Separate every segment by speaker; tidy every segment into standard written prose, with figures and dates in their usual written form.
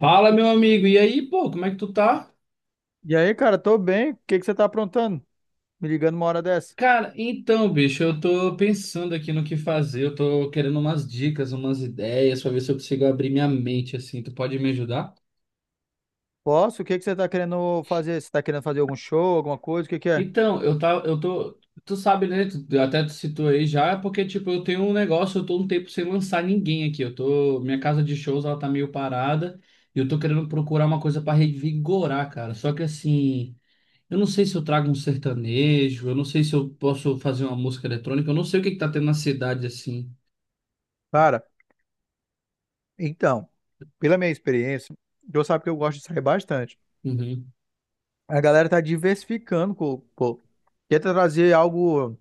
Speaker 1: Fala, meu amigo. E aí, pô, como é que tu tá?
Speaker 2: E aí, cara, tô bem. O que que você tá aprontando? Me ligando uma hora dessa.
Speaker 1: Cara, então, bicho, eu tô pensando aqui no que fazer. Eu tô querendo umas dicas, umas ideias, pra ver se eu consigo abrir minha mente, assim. Tu pode me ajudar?
Speaker 2: Posso? O que que você tá querendo fazer? Você tá querendo fazer algum show, alguma coisa? O que que é?
Speaker 1: Então, eu tá, eu tô. Tu sabe, né? Até tu citou aí já, porque, tipo, eu tenho um negócio, eu tô um tempo sem lançar ninguém aqui. Eu tô. Minha casa de shows, ela tá meio parada. E eu tô querendo procurar uma coisa pra revigorar, cara. Só que assim. Eu não sei se eu trago um sertanejo, eu não sei se eu posso fazer uma música eletrônica, eu não sei o que que tá tendo na cidade assim.
Speaker 2: Cara, então, pela minha experiência, Deus sabe que eu gosto de sair bastante.
Speaker 1: Uhum.
Speaker 2: A galera tá diversificando, pô. Tenta trazer algo,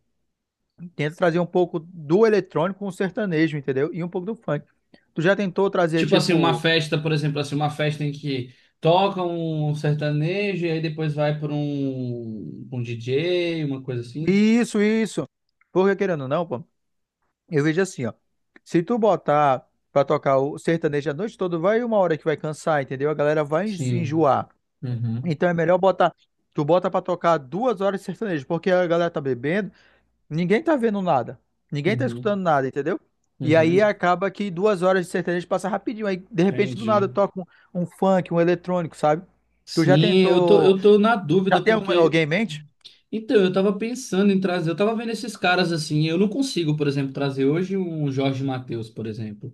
Speaker 2: tenta trazer um pouco do eletrônico com o sertanejo, entendeu? E um pouco do funk. Tu já tentou trazer,
Speaker 1: Tipo assim, uma
Speaker 2: tipo,
Speaker 1: festa, por exemplo, assim, uma festa em que toca um sertanejo e aí depois vai para pra um DJ, uma coisa assim.
Speaker 2: isso, isso. Porque querendo ou não, pô. Eu vejo assim, ó. Se tu botar pra tocar o sertanejo a noite toda, vai uma hora que vai cansar, entendeu? A galera vai se
Speaker 1: Sim.
Speaker 2: enjoar.
Speaker 1: Uhum.
Speaker 2: Então é melhor botar. Tu bota pra tocar duas horas de sertanejo, porque a galera tá bebendo, ninguém tá vendo nada. Ninguém tá
Speaker 1: Uhum.
Speaker 2: escutando nada, entendeu? E aí
Speaker 1: Uhum.
Speaker 2: acaba que duas horas de sertanejo passa rapidinho. Aí, de repente, do
Speaker 1: Entendi.
Speaker 2: nada toca um, um funk, um eletrônico, sabe? Tu já
Speaker 1: Sim, eu tô,
Speaker 2: tentou.
Speaker 1: eu tô na
Speaker 2: Já
Speaker 1: dúvida
Speaker 2: tem alguém
Speaker 1: porque
Speaker 2: em mente?
Speaker 1: então, eu tava pensando em trazer, eu tava vendo esses caras assim, eu não consigo, por exemplo, trazer hoje um Jorge Mateus, por exemplo.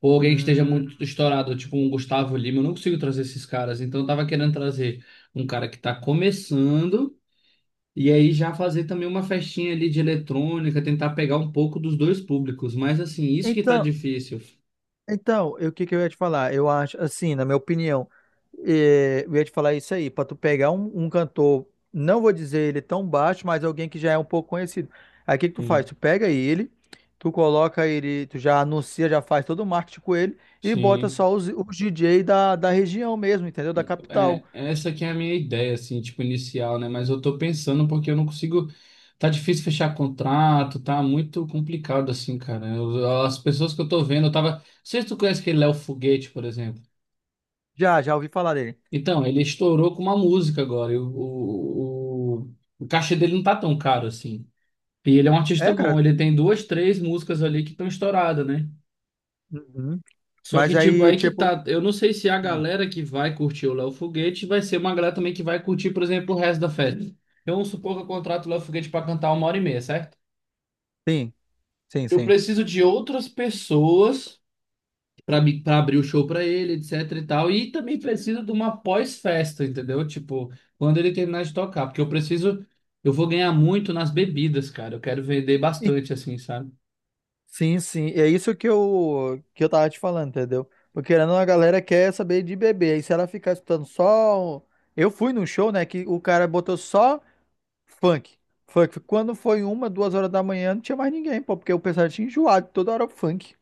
Speaker 1: Ou alguém que esteja
Speaker 2: Hum,
Speaker 1: muito estourado, tipo um Gustavo Lima, eu não consigo trazer esses caras. Então eu tava querendo trazer um cara que tá começando e aí já fazer também uma festinha ali de eletrônica, tentar pegar um pouco dos dois públicos. Mas assim, isso que tá
Speaker 2: então.
Speaker 1: difícil.
Speaker 2: Então, o que que eu ia te falar? Eu acho, assim, na minha opinião, eu ia te falar isso aí, para tu pegar um, um cantor, não vou dizer ele tão baixo, mas alguém que já é um pouco conhecido. Aí o que que tu faz?
Speaker 1: Sim,
Speaker 2: Tu pega ele, tu coloca ele, tu já anuncia, já faz todo o marketing com ele e bota
Speaker 1: sim.
Speaker 2: só os DJ da, da região mesmo, entendeu? Da capital.
Speaker 1: É, essa que é a minha ideia, assim, tipo, inicial, né? Mas eu tô pensando porque eu não consigo. Tá difícil fechar contrato, tá muito complicado, assim, cara. As pessoas que eu tô vendo, eu tava. Não sei se tu conhece aquele Léo Foguete, por exemplo.
Speaker 2: Já, já ouvi falar dele.
Speaker 1: Então, ele estourou com uma música agora. E o cachê dele não tá tão caro assim. E ele é um artista
Speaker 2: É, cara.
Speaker 1: bom. Ele tem duas, três músicas ali que estão estouradas, né?
Speaker 2: Uhum.
Speaker 1: Só
Speaker 2: Mas
Speaker 1: que, tipo,
Speaker 2: aí,
Speaker 1: aí que
Speaker 2: tipo.
Speaker 1: tá. Eu não sei se a
Speaker 2: Hum.
Speaker 1: galera que vai curtir o Léo Foguete vai ser uma galera também que vai curtir, por exemplo, o resto da festa. Eu vamos supor que eu contrato o Léo Foguete pra cantar uma hora e meia, certo?
Speaker 2: Sim, sim,
Speaker 1: Eu
Speaker 2: sim.
Speaker 1: preciso de outras pessoas para abrir o show para ele, etc e tal. E também preciso de uma pós-festa, entendeu? Tipo, quando ele terminar de tocar, porque eu preciso, eu vou ganhar muito nas bebidas, cara. Eu quero vender bastante assim, sabe?
Speaker 2: Sim, sim. É isso que eu tava te falando, entendeu? Porque querendo, ou não, a galera quer saber de bebê. Aí se ela ficar escutando só. Eu fui num show, né? Que o cara botou só funk. Funk. Quando foi uma, duas horas da manhã, não tinha mais ninguém, pô, porque o pessoal tinha enjoado, toda hora funk.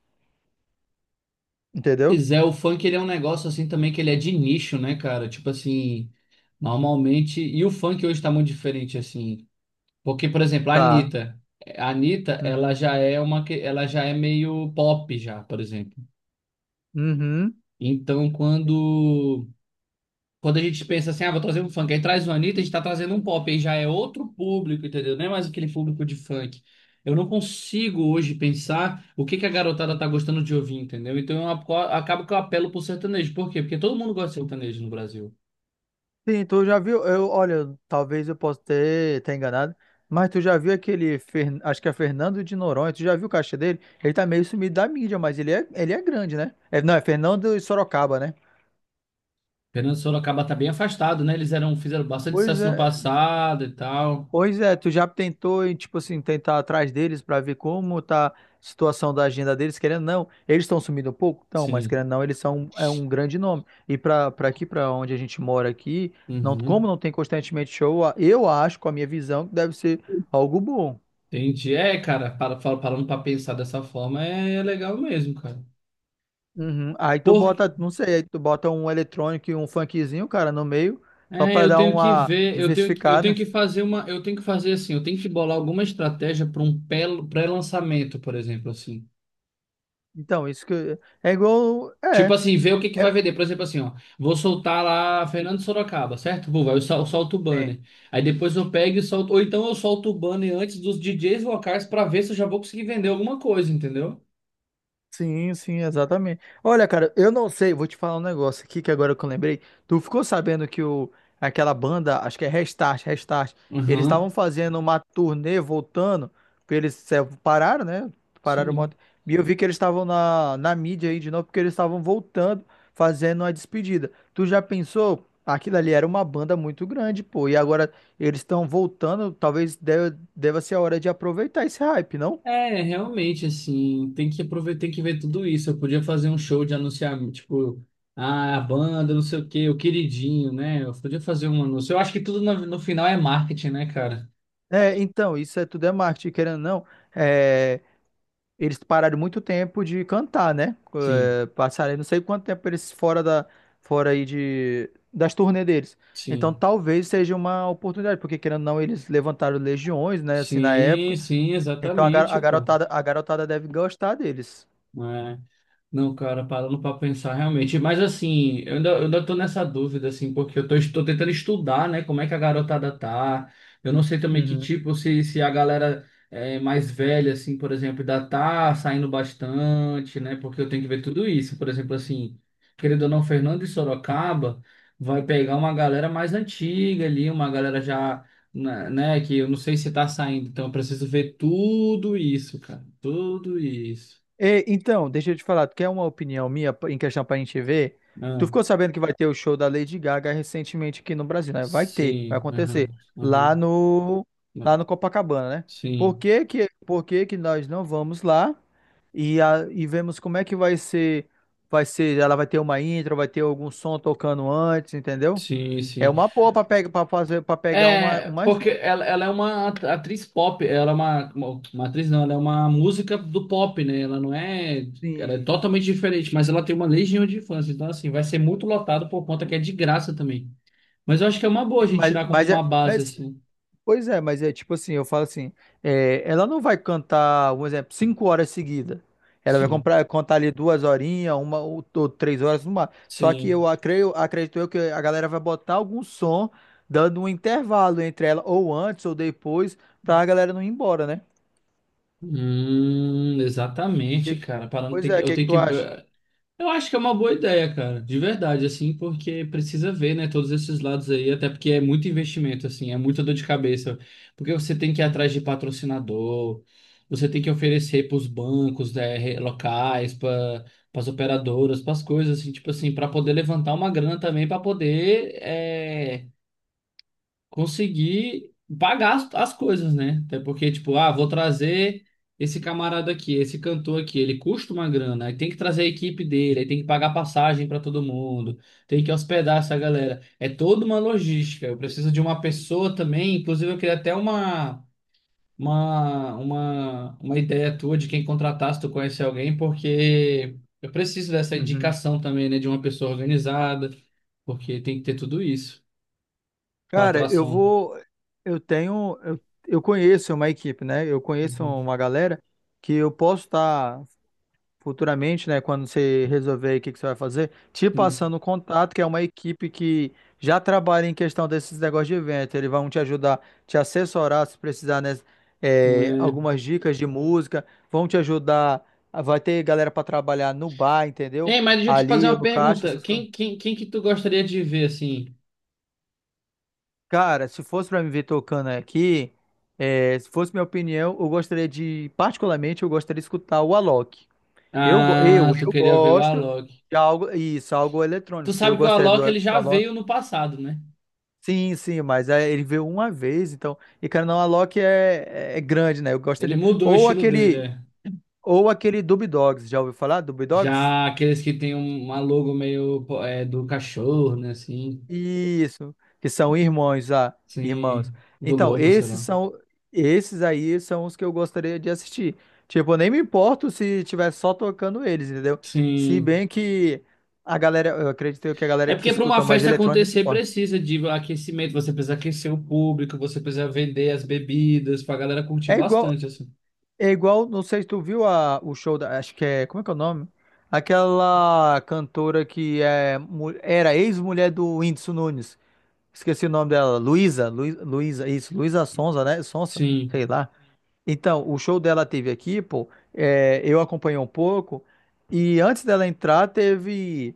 Speaker 2: Entendeu?
Speaker 1: Pois é, o funk ele é um negócio assim também que ele é de nicho, né, cara? Tipo assim, normalmente, e o funk hoje tá muito diferente assim, porque por exemplo, a
Speaker 2: Tá.
Speaker 1: Anitta, a Anitta, ela
Speaker 2: Uhum.
Speaker 1: já é uma que ela já é meio pop já, por exemplo.
Speaker 2: Uhum.
Speaker 1: Então, quando Quando a gente pensa assim, ah, vou trazer um funk, aí traz o Anitta, a gente tá trazendo um pop, aí já é outro público, entendeu? Não é mais aquele público de funk. Eu não consigo hoje pensar o que que a garotada tá gostando de ouvir, entendeu? Então acabo que eu apelo pro sertanejo. Por quê? Porque todo mundo gosta de sertanejo no Brasil.
Speaker 2: Sim, tu já viu? Eu, olha, talvez eu possa ter enganado, mas tu já viu aquele, acho que é Fernando de Noronha, tu já viu o caixa dele? Ele tá meio sumido da mídia, mas ele é grande, né? É, não, é Fernando de Sorocaba, né?
Speaker 1: Fernando Sorocaba tá bem afastado, né? Eles eram, fizeram bastante
Speaker 2: Pois
Speaker 1: sucesso no
Speaker 2: é,
Speaker 1: passado e tal.
Speaker 2: pois é, tu já tentou, e, tipo assim, tentar atrás deles pra ver como tá a situação da agenda deles, querendo ou não, eles estão sumindo um pouco? Não, mas
Speaker 1: Sim.
Speaker 2: querendo ou não, eles são um, é um grande nome. E pra, pra aqui, pra onde a gente mora aqui, não, como
Speaker 1: Uhum.
Speaker 2: não tem constantemente show, eu acho, com a minha visão, que deve ser algo bom.
Speaker 1: Entendi. É, cara, parando pra pensar dessa forma, é legal mesmo, cara.
Speaker 2: Uhum. Aí tu
Speaker 1: Por
Speaker 2: bota, não sei, aí tu bota um eletrônico e um funkzinho, cara, no meio, só
Speaker 1: é,
Speaker 2: pra
Speaker 1: eu
Speaker 2: dar
Speaker 1: tenho que
Speaker 2: uma
Speaker 1: ver, eu tenho
Speaker 2: diversificada.
Speaker 1: que fazer uma, eu tenho que fazer assim, eu tenho que bolar alguma estratégia para um pré-lançamento, por exemplo, assim.
Speaker 2: Então, isso que é igual,
Speaker 1: Tipo assim, ver o que que
Speaker 2: é,
Speaker 1: vai vender. Por exemplo, assim, ó, vou soltar lá Fernando Sorocaba, certo? Vou, vai eu sol- solto o banner. Aí depois eu pego e solto, ou então eu solto o banner antes dos DJs locais para ver se eu já vou conseguir vender alguma coisa, entendeu?
Speaker 2: sim, sim, exatamente. Olha, cara, eu não sei, vou te falar um negócio aqui que agora que eu lembrei. Tu ficou sabendo aquela banda, acho que é Restart, Restart, eles estavam
Speaker 1: Aham,
Speaker 2: fazendo uma turnê voltando, porque eles pararam, né? Pararam um
Speaker 1: sim.
Speaker 2: monte. E eu vi que eles estavam na mídia aí de novo, porque eles estavam voltando, fazendo uma despedida. Tu já pensou? Aquilo ali era uma banda muito grande, pô, e agora eles estão voltando, talvez deva ser a hora de aproveitar esse hype, não?
Speaker 1: É, realmente, assim, tem que aproveitar, tem que ver tudo isso. Eu podia fazer um show de anunciar, tipo, ah, a banda, não sei o quê, o queridinho, né? Eu podia fazer um anúncio. Eu acho que tudo no, no final é marketing, né, cara?
Speaker 2: É, então, isso é tudo é marketing, querendo ou não. É, eles pararam muito tempo de cantar, né?
Speaker 1: Sim,
Speaker 2: É, passaram aí não sei quanto tempo eles fora aí das turnê deles. Então,
Speaker 1: sim.
Speaker 2: talvez seja uma oportunidade, porque querendo ou não, eles levantaram legiões, né? Assim, na
Speaker 1: Sim,
Speaker 2: época.
Speaker 1: sim,
Speaker 2: Então, a, gar-
Speaker 1: exatamente,
Speaker 2: a
Speaker 1: pô.
Speaker 2: garotada, a garotada deve gostar deles.
Speaker 1: É. Não, cara, parando pra pensar realmente. Mas assim, eu ainda tô nessa dúvida, assim, porque estou tentando estudar, né? Como é que a garotada tá. Eu não sei também que
Speaker 2: Uhum.
Speaker 1: tipo, se a galera é, mais velha, assim, por exemplo, ainda tá saindo bastante, né? Porque eu tenho que ver tudo isso. Por exemplo, assim, querendo ou não, Fernando de Sorocaba vai pegar uma galera mais antiga ali, uma galera já, né, que eu não sei se tá saindo. Então eu preciso ver tudo isso, cara. Tudo isso.
Speaker 2: E, então, deixa eu te falar, tu quer uma opinião minha em questão pra gente ver? Tu
Speaker 1: Ah.
Speaker 2: ficou sabendo que vai ter o show da Lady Gaga recentemente aqui no Brasil, né? Vai ter, vai
Speaker 1: Sim,
Speaker 2: acontecer.
Speaker 1: aham,
Speaker 2: Lá
Speaker 1: aham.
Speaker 2: no, lá no Copacabana, né?
Speaker 1: Sim,
Speaker 2: Por que que nós não vamos lá e vemos como é que vai ser, ela vai ter uma intro, vai ter algum som tocando antes, entendeu?
Speaker 1: sim,
Speaker 2: É
Speaker 1: sim.
Speaker 2: uma boa pra pegar, para fazer, para pegar
Speaker 1: É,
Speaker 2: uma,
Speaker 1: porque ela é uma atriz pop, ela é uma, uma atriz não, ela é uma música do pop, né? Ela não é, ela é
Speaker 2: sim,
Speaker 1: totalmente diferente, mas ela tem uma legião de fãs, então assim, vai ser muito lotado por conta que é de graça também. Mas eu acho que é uma boa a
Speaker 2: sim,
Speaker 1: gente
Speaker 2: mas,
Speaker 1: tirar como
Speaker 2: mas é,
Speaker 1: uma
Speaker 2: é
Speaker 1: base, assim.
Speaker 2: Pois é, mas é tipo assim, eu falo assim, é, ela não vai cantar, um exemplo, cinco horas seguidas. Ela vai
Speaker 1: Sim,
Speaker 2: contar ali duas horinhas, uma ou três horas, uma. Só que
Speaker 1: sim.
Speaker 2: acredito eu que a galera vai botar algum som, dando um intervalo entre ela, ou antes ou depois, pra galera não ir embora, né?
Speaker 1: Exatamente,
Speaker 2: Que-
Speaker 1: cara. Parando,
Speaker 2: Pois
Speaker 1: tem que,
Speaker 2: é, o
Speaker 1: eu
Speaker 2: que que
Speaker 1: tenho que.
Speaker 2: tu acha?
Speaker 1: Eu acho que é uma boa ideia, cara, de verdade, assim, porque precisa ver, né, todos esses lados aí, até porque é muito investimento, assim, é muita dor de cabeça, porque você tem que ir atrás de patrocinador, você tem que oferecer para os bancos, né, locais, para as operadoras, para as coisas, assim, tipo assim, para poder levantar uma grana também, para poder conseguir pagar as coisas, né? Até porque, tipo, ah, vou trazer esse camarada aqui, esse cantor aqui, ele custa uma grana, aí tem que trazer a equipe dele, aí tem que pagar passagem para todo mundo, tem que hospedar essa galera. É toda uma logística. Eu preciso de uma pessoa também, inclusive eu queria até uma. Uma ideia tua de quem contratar, se tu conhecer alguém, porque eu preciso dessa
Speaker 2: Uhum.
Speaker 1: indicação também, né? De uma pessoa organizada, porque tem que ter tudo isso. Para
Speaker 2: Cara, eu
Speaker 1: Atração.
Speaker 2: vou. Eu tenho. Eu conheço uma equipe, né? Eu conheço
Speaker 1: Uhum.
Speaker 2: uma galera que eu posso estar. Futuramente, né, quando você resolver aí o que que você vai fazer, te
Speaker 1: Sim.
Speaker 2: passando o contato, que é uma equipe que já trabalha em questão desses negócios de evento. Eles vão te ajudar, te assessorar se precisar, né,
Speaker 1: É.
Speaker 2: algumas dicas de música, vão te ajudar. Vai ter galera para trabalhar no bar, entendeu?
Speaker 1: Ei, mas deixa eu te fazer
Speaker 2: Ali ou
Speaker 1: uma
Speaker 2: no caixa,
Speaker 1: pergunta.
Speaker 2: essas coisas.
Speaker 1: Quem que tu gostaria de ver, assim?
Speaker 2: Cara, se fosse para me ver tocando aqui, é, se fosse minha opinião, eu gostaria de, particularmente, eu gostaria de escutar o Alok.
Speaker 1: Ah, tu
Speaker 2: Eu
Speaker 1: queria ver o
Speaker 2: gosto
Speaker 1: Alok.
Speaker 2: de algo, isso, algo
Speaker 1: Tu
Speaker 2: eletrônico. Eu
Speaker 1: sabe que o
Speaker 2: gostaria do,
Speaker 1: Alok, ele
Speaker 2: do
Speaker 1: já
Speaker 2: Alok.
Speaker 1: veio no passado, né?
Speaker 2: Sim, sim, mas é, ele veio uma vez, então. E cara, não, Alok é, é grande, né? Eu gosto
Speaker 1: Ele
Speaker 2: de.
Speaker 1: mudou o estilo dele, é.
Speaker 2: Ou aquele Dub Dogs, já ouviu falar? Dub Dogs?
Speaker 1: Já aqueles que tem uma logo meio pô, é, do cachorro, né? Assim,
Speaker 2: Isso, que são irmãos, ah, irmãos.
Speaker 1: sim, do
Speaker 2: Então,
Speaker 1: lobo, sei
Speaker 2: esses
Speaker 1: lá.
Speaker 2: são, esses aí são os que eu gostaria de assistir. Tipo, eu nem me importo se tiver só tocando eles, entendeu? Se
Speaker 1: Sim.
Speaker 2: bem que a galera, eu acredito que a
Speaker 1: É
Speaker 2: galera que
Speaker 1: porque para uma
Speaker 2: escuta mais
Speaker 1: festa
Speaker 2: eletrônica se
Speaker 1: acontecer
Speaker 2: importa.
Speaker 1: precisa de aquecimento, você precisa aquecer o público, você precisa vender as bebidas pra galera curtir
Speaker 2: É igual,
Speaker 1: bastante, assim.
Speaker 2: é igual, não sei se tu viu a, o show da, acho que é, como é que é o nome? Aquela cantora que é, era ex-mulher do Whindersson Nunes. Esqueci o nome dela, Luísa, Luísa, isso, Luísa Sonza, né? Sonsa,
Speaker 1: Sim.
Speaker 2: sei lá. Então, o show dela teve aqui, pô, é, eu acompanhei um pouco, e antes dela entrar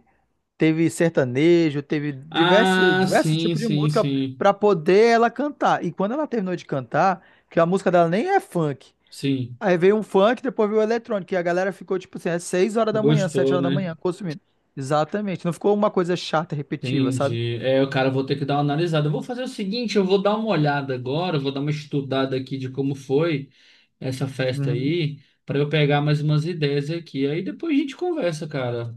Speaker 2: teve sertanejo, teve
Speaker 1: Ah,
Speaker 2: diversos
Speaker 1: sim,
Speaker 2: tipos de
Speaker 1: sim,
Speaker 2: música
Speaker 1: sim.
Speaker 2: para poder ela cantar. E quando ela terminou de cantar, que a música dela nem é funk,
Speaker 1: Sim,
Speaker 2: aí veio um funk, depois veio o eletrônico. E a galera ficou, tipo assim, é 6 horas da manhã, 7
Speaker 1: gostou,
Speaker 2: horas da
Speaker 1: né?
Speaker 2: manhã, consumindo. Exatamente. Não ficou uma coisa chata, repetiva, sabe?
Speaker 1: Entendi. É, cara, eu vou ter que dar uma analisada. Eu vou fazer o seguinte, eu vou dar uma olhada agora, eu vou dar uma estudada aqui de como foi essa festa
Speaker 2: Uhum.
Speaker 1: aí, para eu pegar mais umas ideias aqui. Aí depois a gente conversa, cara.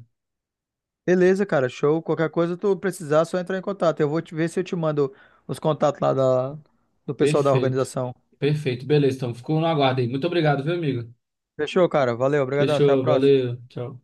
Speaker 2: Beleza, cara, show. Qualquer coisa tu precisar, é só entrar em contato. Eu vou te ver se eu te mando os contatos do pessoal da
Speaker 1: Perfeito.
Speaker 2: organização.
Speaker 1: Perfeito. Beleza, então ficou no aguardo aí. Muito obrigado, viu, amigo?
Speaker 2: Fechou, cara? Valeu, obrigadão. Até a
Speaker 1: Fechou,
Speaker 2: próxima.
Speaker 1: valeu. Tchau.